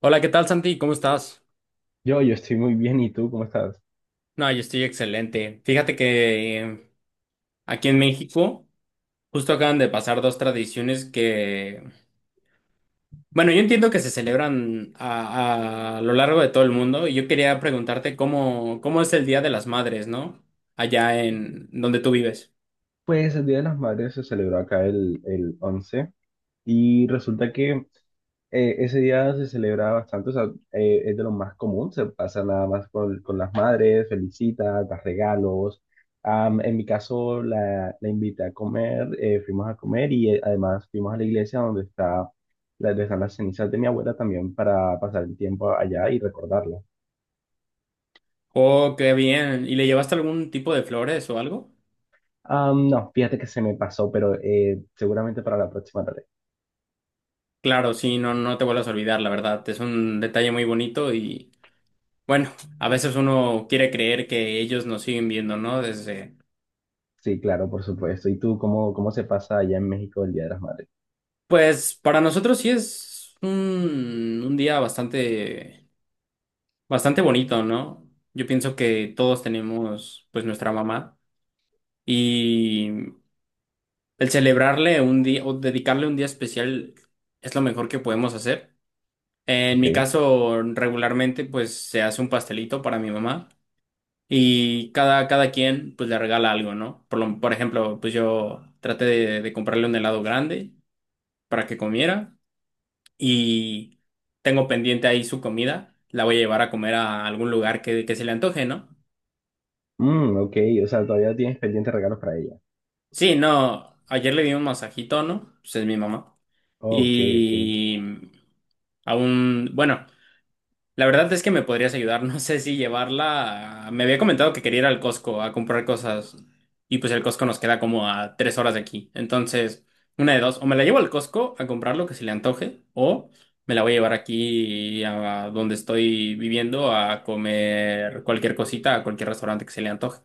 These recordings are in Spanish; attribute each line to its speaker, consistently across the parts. Speaker 1: Hola, ¿qué tal, Santi? ¿Cómo estás?
Speaker 2: Yo estoy muy bien, ¿y tú cómo estás?
Speaker 1: No, yo estoy excelente. Fíjate que aquí en México justo acaban de pasar dos tradiciones que, bueno, yo entiendo que se celebran a lo largo de todo el mundo y yo quería preguntarte cómo es el Día de las Madres, ¿no? Allá en donde tú vives.
Speaker 2: Pues el Día de las Madres se celebró acá el 11 y resulta que ese día se celebra bastante, o sea, es de lo más común, se pasa nada más con las madres, felicitas, das regalos. En mi caso la invité a comer, fuimos a comer y además fuimos a la iglesia donde está, donde están las cenizas de mi abuela también para pasar el tiempo allá y recordarla.
Speaker 1: Oh, qué bien. ¿Y le llevaste algún tipo de flores o algo?
Speaker 2: No, fíjate que se me pasó, pero seguramente para la próxima.
Speaker 1: Claro, sí, no, no te vuelvas a olvidar, la verdad. Es un detalle muy bonito y, bueno, a veces uno quiere creer que ellos nos siguen viendo, ¿no? Desde.
Speaker 2: Sí, claro, por supuesto. ¿Y tú cómo, cómo se pasa allá en México el Día de las Madres?
Speaker 1: Pues para nosotros sí es un día bastante, bastante bonito, ¿no? Yo pienso que todos tenemos pues nuestra mamá y el celebrarle un día o dedicarle un día especial es lo mejor que podemos hacer. En
Speaker 2: Ok.
Speaker 1: mi caso, regularmente pues se hace un pastelito para mi mamá y cada quien pues le regala algo, ¿no? Por ejemplo, pues yo traté de comprarle un helado grande para que comiera. Y tengo pendiente ahí su comida, la voy a llevar a comer a algún lugar que se le antoje, ¿no?
Speaker 2: Mm, ok, o sea, todavía tienes pendientes regalos para ella.
Speaker 1: Sí, no, ayer le di un masajito, ¿no? Pues es mi mamá.
Speaker 2: Ok, ok.
Speaker 1: Y aún, bueno. La verdad es que me podrías ayudar. No sé si llevarla. Me había comentado que quería ir al Costco a comprar cosas. Y pues el Costco nos queda como a 3 horas de aquí. Entonces, una de dos. O me la llevo al Costco a comprar lo que se le antoje. O me la voy a llevar aquí a donde estoy viviendo a comer cualquier cosita, a cualquier restaurante que se le antoje.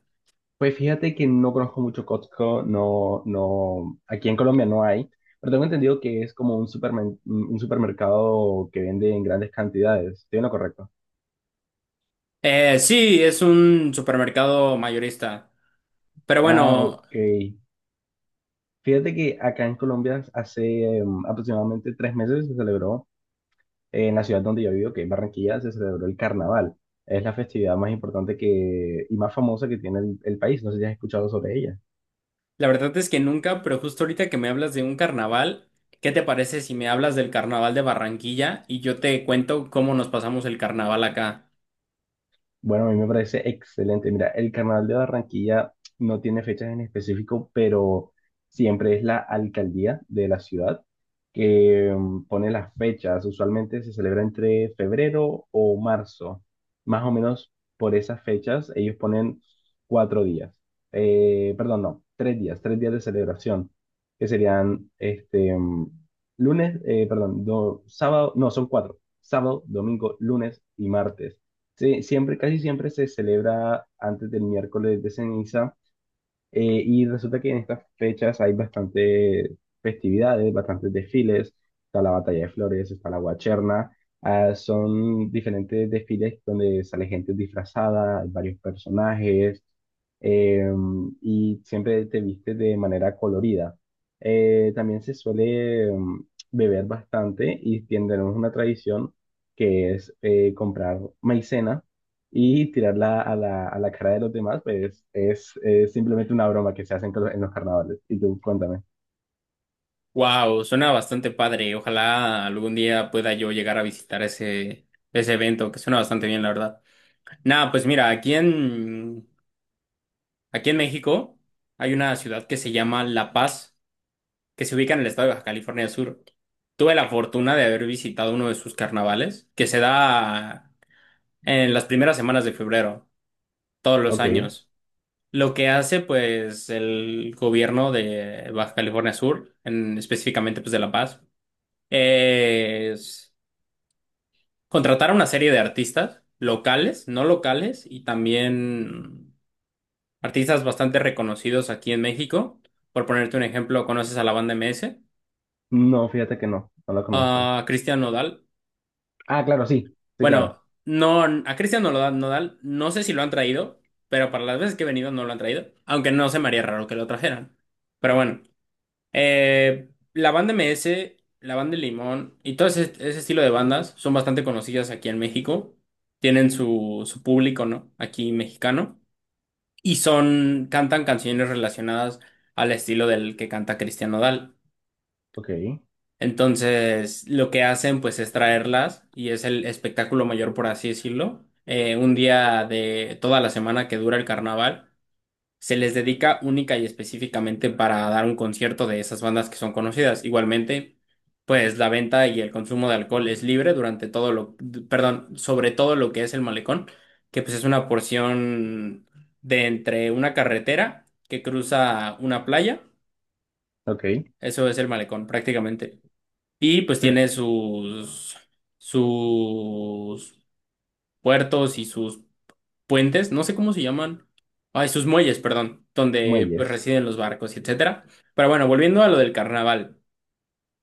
Speaker 2: Pues fíjate que no conozco mucho Costco, no, no, aquí en Colombia no hay, pero tengo entendido que es como un un supermercado que vende en grandes cantidades. ¿Estoy en lo correcto?
Speaker 1: Sí, es un supermercado mayorista. Pero
Speaker 2: Ah,
Speaker 1: bueno.
Speaker 2: ok. Fíjate que acá en Colombia hace aproximadamente 3 meses se celebró en la ciudad donde yo vivo, que es Barranquilla, se celebró el carnaval. Es la festividad más importante que, y más famosa que tiene el país. No sé si has escuchado sobre ella.
Speaker 1: La verdad es que nunca, pero justo ahorita que me hablas de un carnaval, ¿qué te parece si me hablas del carnaval de Barranquilla y yo te cuento cómo nos pasamos el carnaval acá?
Speaker 2: Bueno, a mí me parece excelente. Mira, el Carnaval de Barranquilla no tiene fechas en específico, pero siempre es la alcaldía de la ciudad que pone las fechas. Usualmente se celebra entre febrero o marzo. Más o menos por esas fechas ellos ponen 4 días. Perdón, no, 3 días, 3 días de celebración, que serían este lunes, perdón, sábado, no, son 4, sábado, domingo, lunes y martes. Sí, siempre, casi siempre se celebra antes del miércoles de ceniza y resulta que en estas fechas hay bastante festividades, bastantes desfiles, está la batalla de flores, está la guacherna, ah, son diferentes desfiles donde sale gente disfrazada, hay varios personajes eh, y siempre te vistes de manera colorida. También se suele beber bastante y tenemos una tradición que es comprar maicena y tirarla a a la cara de los demás, pues es simplemente una broma que se hacen con en los carnavales. Y tú, cuéntame.
Speaker 1: Wow, suena bastante padre. Ojalá algún día pueda yo llegar a visitar ese evento, que suena bastante bien, la verdad. Nada, pues mira, aquí en México hay una ciudad que se llama La Paz, que se ubica en el estado de Baja California Sur. Tuve la fortuna de haber visitado uno de sus carnavales, que se da en las primeras semanas de febrero, todos los
Speaker 2: Ok.
Speaker 1: años. Lo que hace, pues, el gobierno de Baja California Sur, específicamente, pues, de La Paz, es contratar a una serie de artistas locales, no locales, y también artistas bastante reconocidos aquí en México. Por ponerte un ejemplo, ¿conoces a la banda MS?
Speaker 2: No, fíjate que no, no la conozco.
Speaker 1: A Cristian Nodal.
Speaker 2: Ah, claro, sí, sí, claro.
Speaker 1: Bueno, no, a Cristian Nodal, Nodal no sé si lo han traído, pero para las veces que he venido no lo han traído, aunque no se me haría raro que lo trajeran. Pero bueno. La banda MS, la banda de Limón y todo ese estilo de bandas son bastante conocidas aquí en México. Tienen su público, ¿no? Aquí mexicano. Y son, cantan canciones relacionadas al estilo del que canta Cristian Nodal.
Speaker 2: Ok,
Speaker 1: Entonces, lo que hacen, pues, es traerlas y es el espectáculo mayor, por así decirlo. Un día de toda la semana que dura el carnaval se les dedica única y específicamente para dar un concierto de esas bandas que son conocidas. Igualmente, pues la venta y el consumo de alcohol es libre durante todo lo, perdón, sobre todo lo que es el malecón, que pues es una porción de entre una carretera que cruza una playa,
Speaker 2: ok.
Speaker 1: eso es el malecón prácticamente. Y pues tiene sus puertos y sus puentes, no sé cómo se llaman, ah, sus muelles, perdón, donde pues
Speaker 2: Muelles,
Speaker 1: residen los barcos y etcétera. Pero bueno, volviendo a lo del carnaval,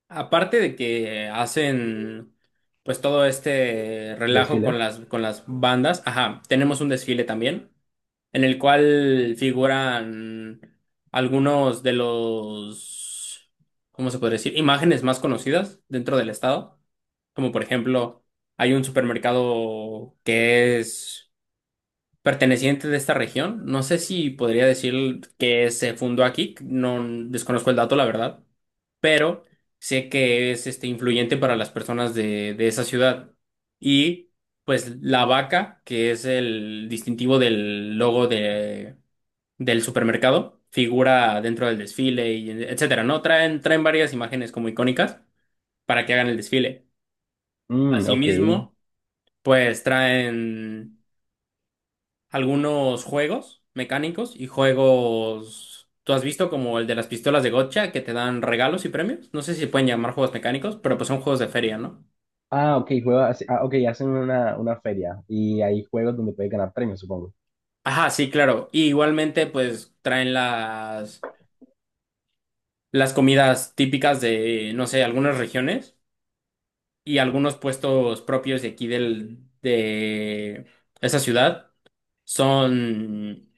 Speaker 1: aparte de que hacen pues todo este relajo con
Speaker 2: desfiles.
Speaker 1: las, con las bandas, ajá, tenemos un desfile también, en el cual figuran algunos de los, ¿cómo se puede decir? Imágenes más conocidas dentro del estado, como por ejemplo, hay un supermercado que es perteneciente de esta región. No sé si podría decir que se fundó aquí, no desconozco el dato, la verdad, pero sé que es este influyente para las personas de esa ciudad. Y pues la vaca, que es el distintivo del logo de, del supermercado, figura dentro del desfile y etcétera, ¿no? Traen varias imágenes como icónicas para que hagan el desfile.
Speaker 2: Mm, ok.
Speaker 1: Asimismo, pues traen algunos juegos mecánicos y juegos. ¿Tú has visto como el de las pistolas de Gotcha que te dan regalos y premios? No sé si pueden llamar juegos mecánicos, pero pues son juegos de feria, ¿no?
Speaker 2: Ah, ok, juega, ah, sí, ah, ok, hacen una feria y hay juegos donde puedes ganar premios, supongo.
Speaker 1: Ajá, sí, claro. Y igualmente, pues traen las comidas típicas de, no sé, algunas regiones y algunos puestos propios de aquí del, de esa ciudad son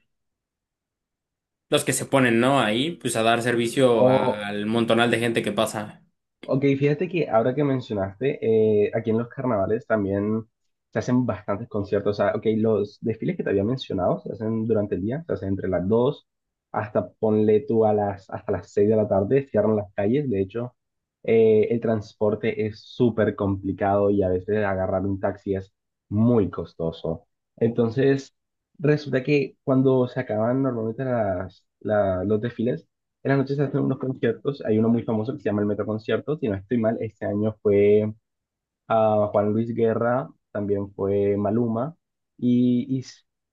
Speaker 1: los que se ponen, ¿no? Ahí, pues a dar servicio
Speaker 2: O,
Speaker 1: al montonal de gente que pasa.
Speaker 2: ok, fíjate que ahora que mencionaste, aquí en los carnavales también se hacen bastantes conciertos. O sea, ok, los desfiles que te había mencionado se hacen durante el día, se hacen entre las 2 hasta ponle tú a las, hasta las 6 de la tarde, cierran las calles. De hecho, el transporte es súper complicado y a veces agarrar un taxi es muy costoso. Entonces, resulta que cuando se acaban normalmente las, los desfiles, en las noches se hacen unos conciertos, hay uno muy famoso que se llama el Metro Concierto, si no estoy mal, este año fue a Juan Luis Guerra, también fue Maluma, y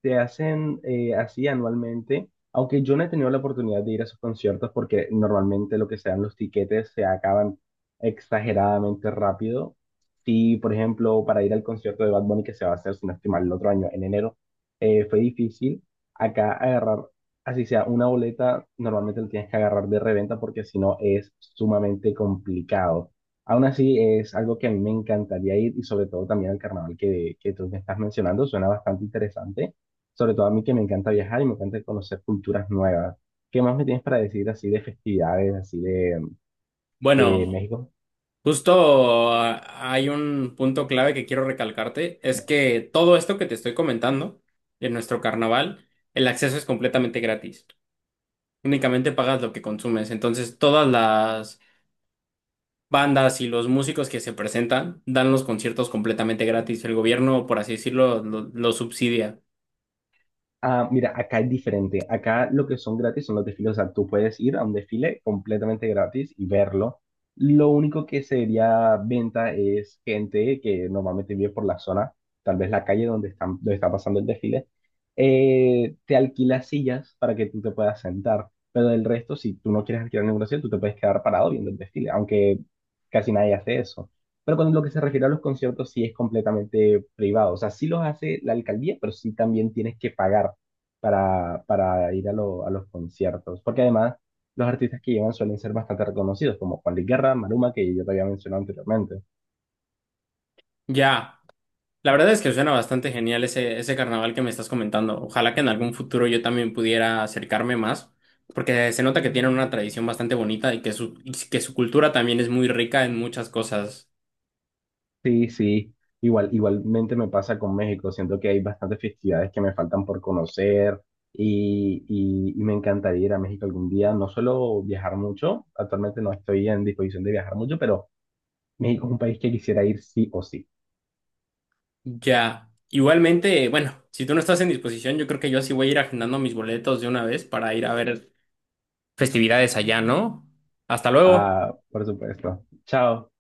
Speaker 2: se hacen así anualmente, aunque yo no he tenido la oportunidad de ir a esos conciertos porque normalmente lo que se dan los tiquetes se acaban exageradamente rápido. Sí, por ejemplo, para ir al concierto de Bad Bunny que se va a hacer, si no estoy mal, el otro año, en enero, fue difícil acá agarrar, así sea, una boleta, normalmente la tienes que agarrar de reventa porque si no es sumamente complicado. Aún así, es algo que a mí me encantaría ir y sobre todo también al carnaval que tú me estás mencionando, suena bastante interesante, sobre todo a mí que me encanta viajar y me encanta conocer culturas nuevas. ¿Qué más me tienes para decir así de festividades, así de
Speaker 1: Bueno.
Speaker 2: México?
Speaker 1: Justo hay un punto clave que quiero recalcarte, es que todo esto que te estoy comentando en nuestro carnaval, el acceso es completamente gratis. Únicamente pagas lo que consumes. Entonces, todas las bandas y los músicos que se presentan dan los conciertos completamente gratis. El gobierno, por así decirlo, lo subsidia.
Speaker 2: Ah, mira, acá es diferente. Acá lo que son gratis son los desfiles. O sea, tú puedes ir a un desfile completamente gratis y verlo. Lo único que sería venta es gente que normalmente vive por la zona, tal vez la calle donde están, donde está pasando el desfile. Eh, te alquila sillas para que tú te puedas sentar. Pero del resto, si tú no quieres alquilar ninguna silla, tú te puedes quedar parado viendo el desfile, aunque casi nadie hace eso. Pero con lo que se refiere a los conciertos, sí es completamente privado. O sea, sí los hace la alcaldía, pero sí también tienes que pagar para ir a, a los conciertos. Porque además, los artistas que llevan suelen ser bastante reconocidos, como Juan Luis Guerra, Maluma, que yo te había mencionado anteriormente.
Speaker 1: Ya. La verdad es que suena bastante genial ese carnaval que me estás comentando. Ojalá que en algún futuro yo también pudiera acercarme más, porque se nota que tienen una tradición bastante bonita y y que su cultura también es muy rica en muchas cosas.
Speaker 2: Sí, sí. Igual, igualmente me pasa con México. Siento que hay bastantes festividades que me faltan por conocer y me encantaría ir a México algún día. No solo viajar mucho, actualmente no estoy en disposición de viajar mucho, pero México es un país que quisiera ir sí o sí.
Speaker 1: Ya, igualmente, bueno, si tú no estás en disposición, yo creo que yo sí voy a ir agendando mis boletos de una vez para ir a ver festividades allá, ¿no? Hasta luego.
Speaker 2: Ah, por supuesto. Chao.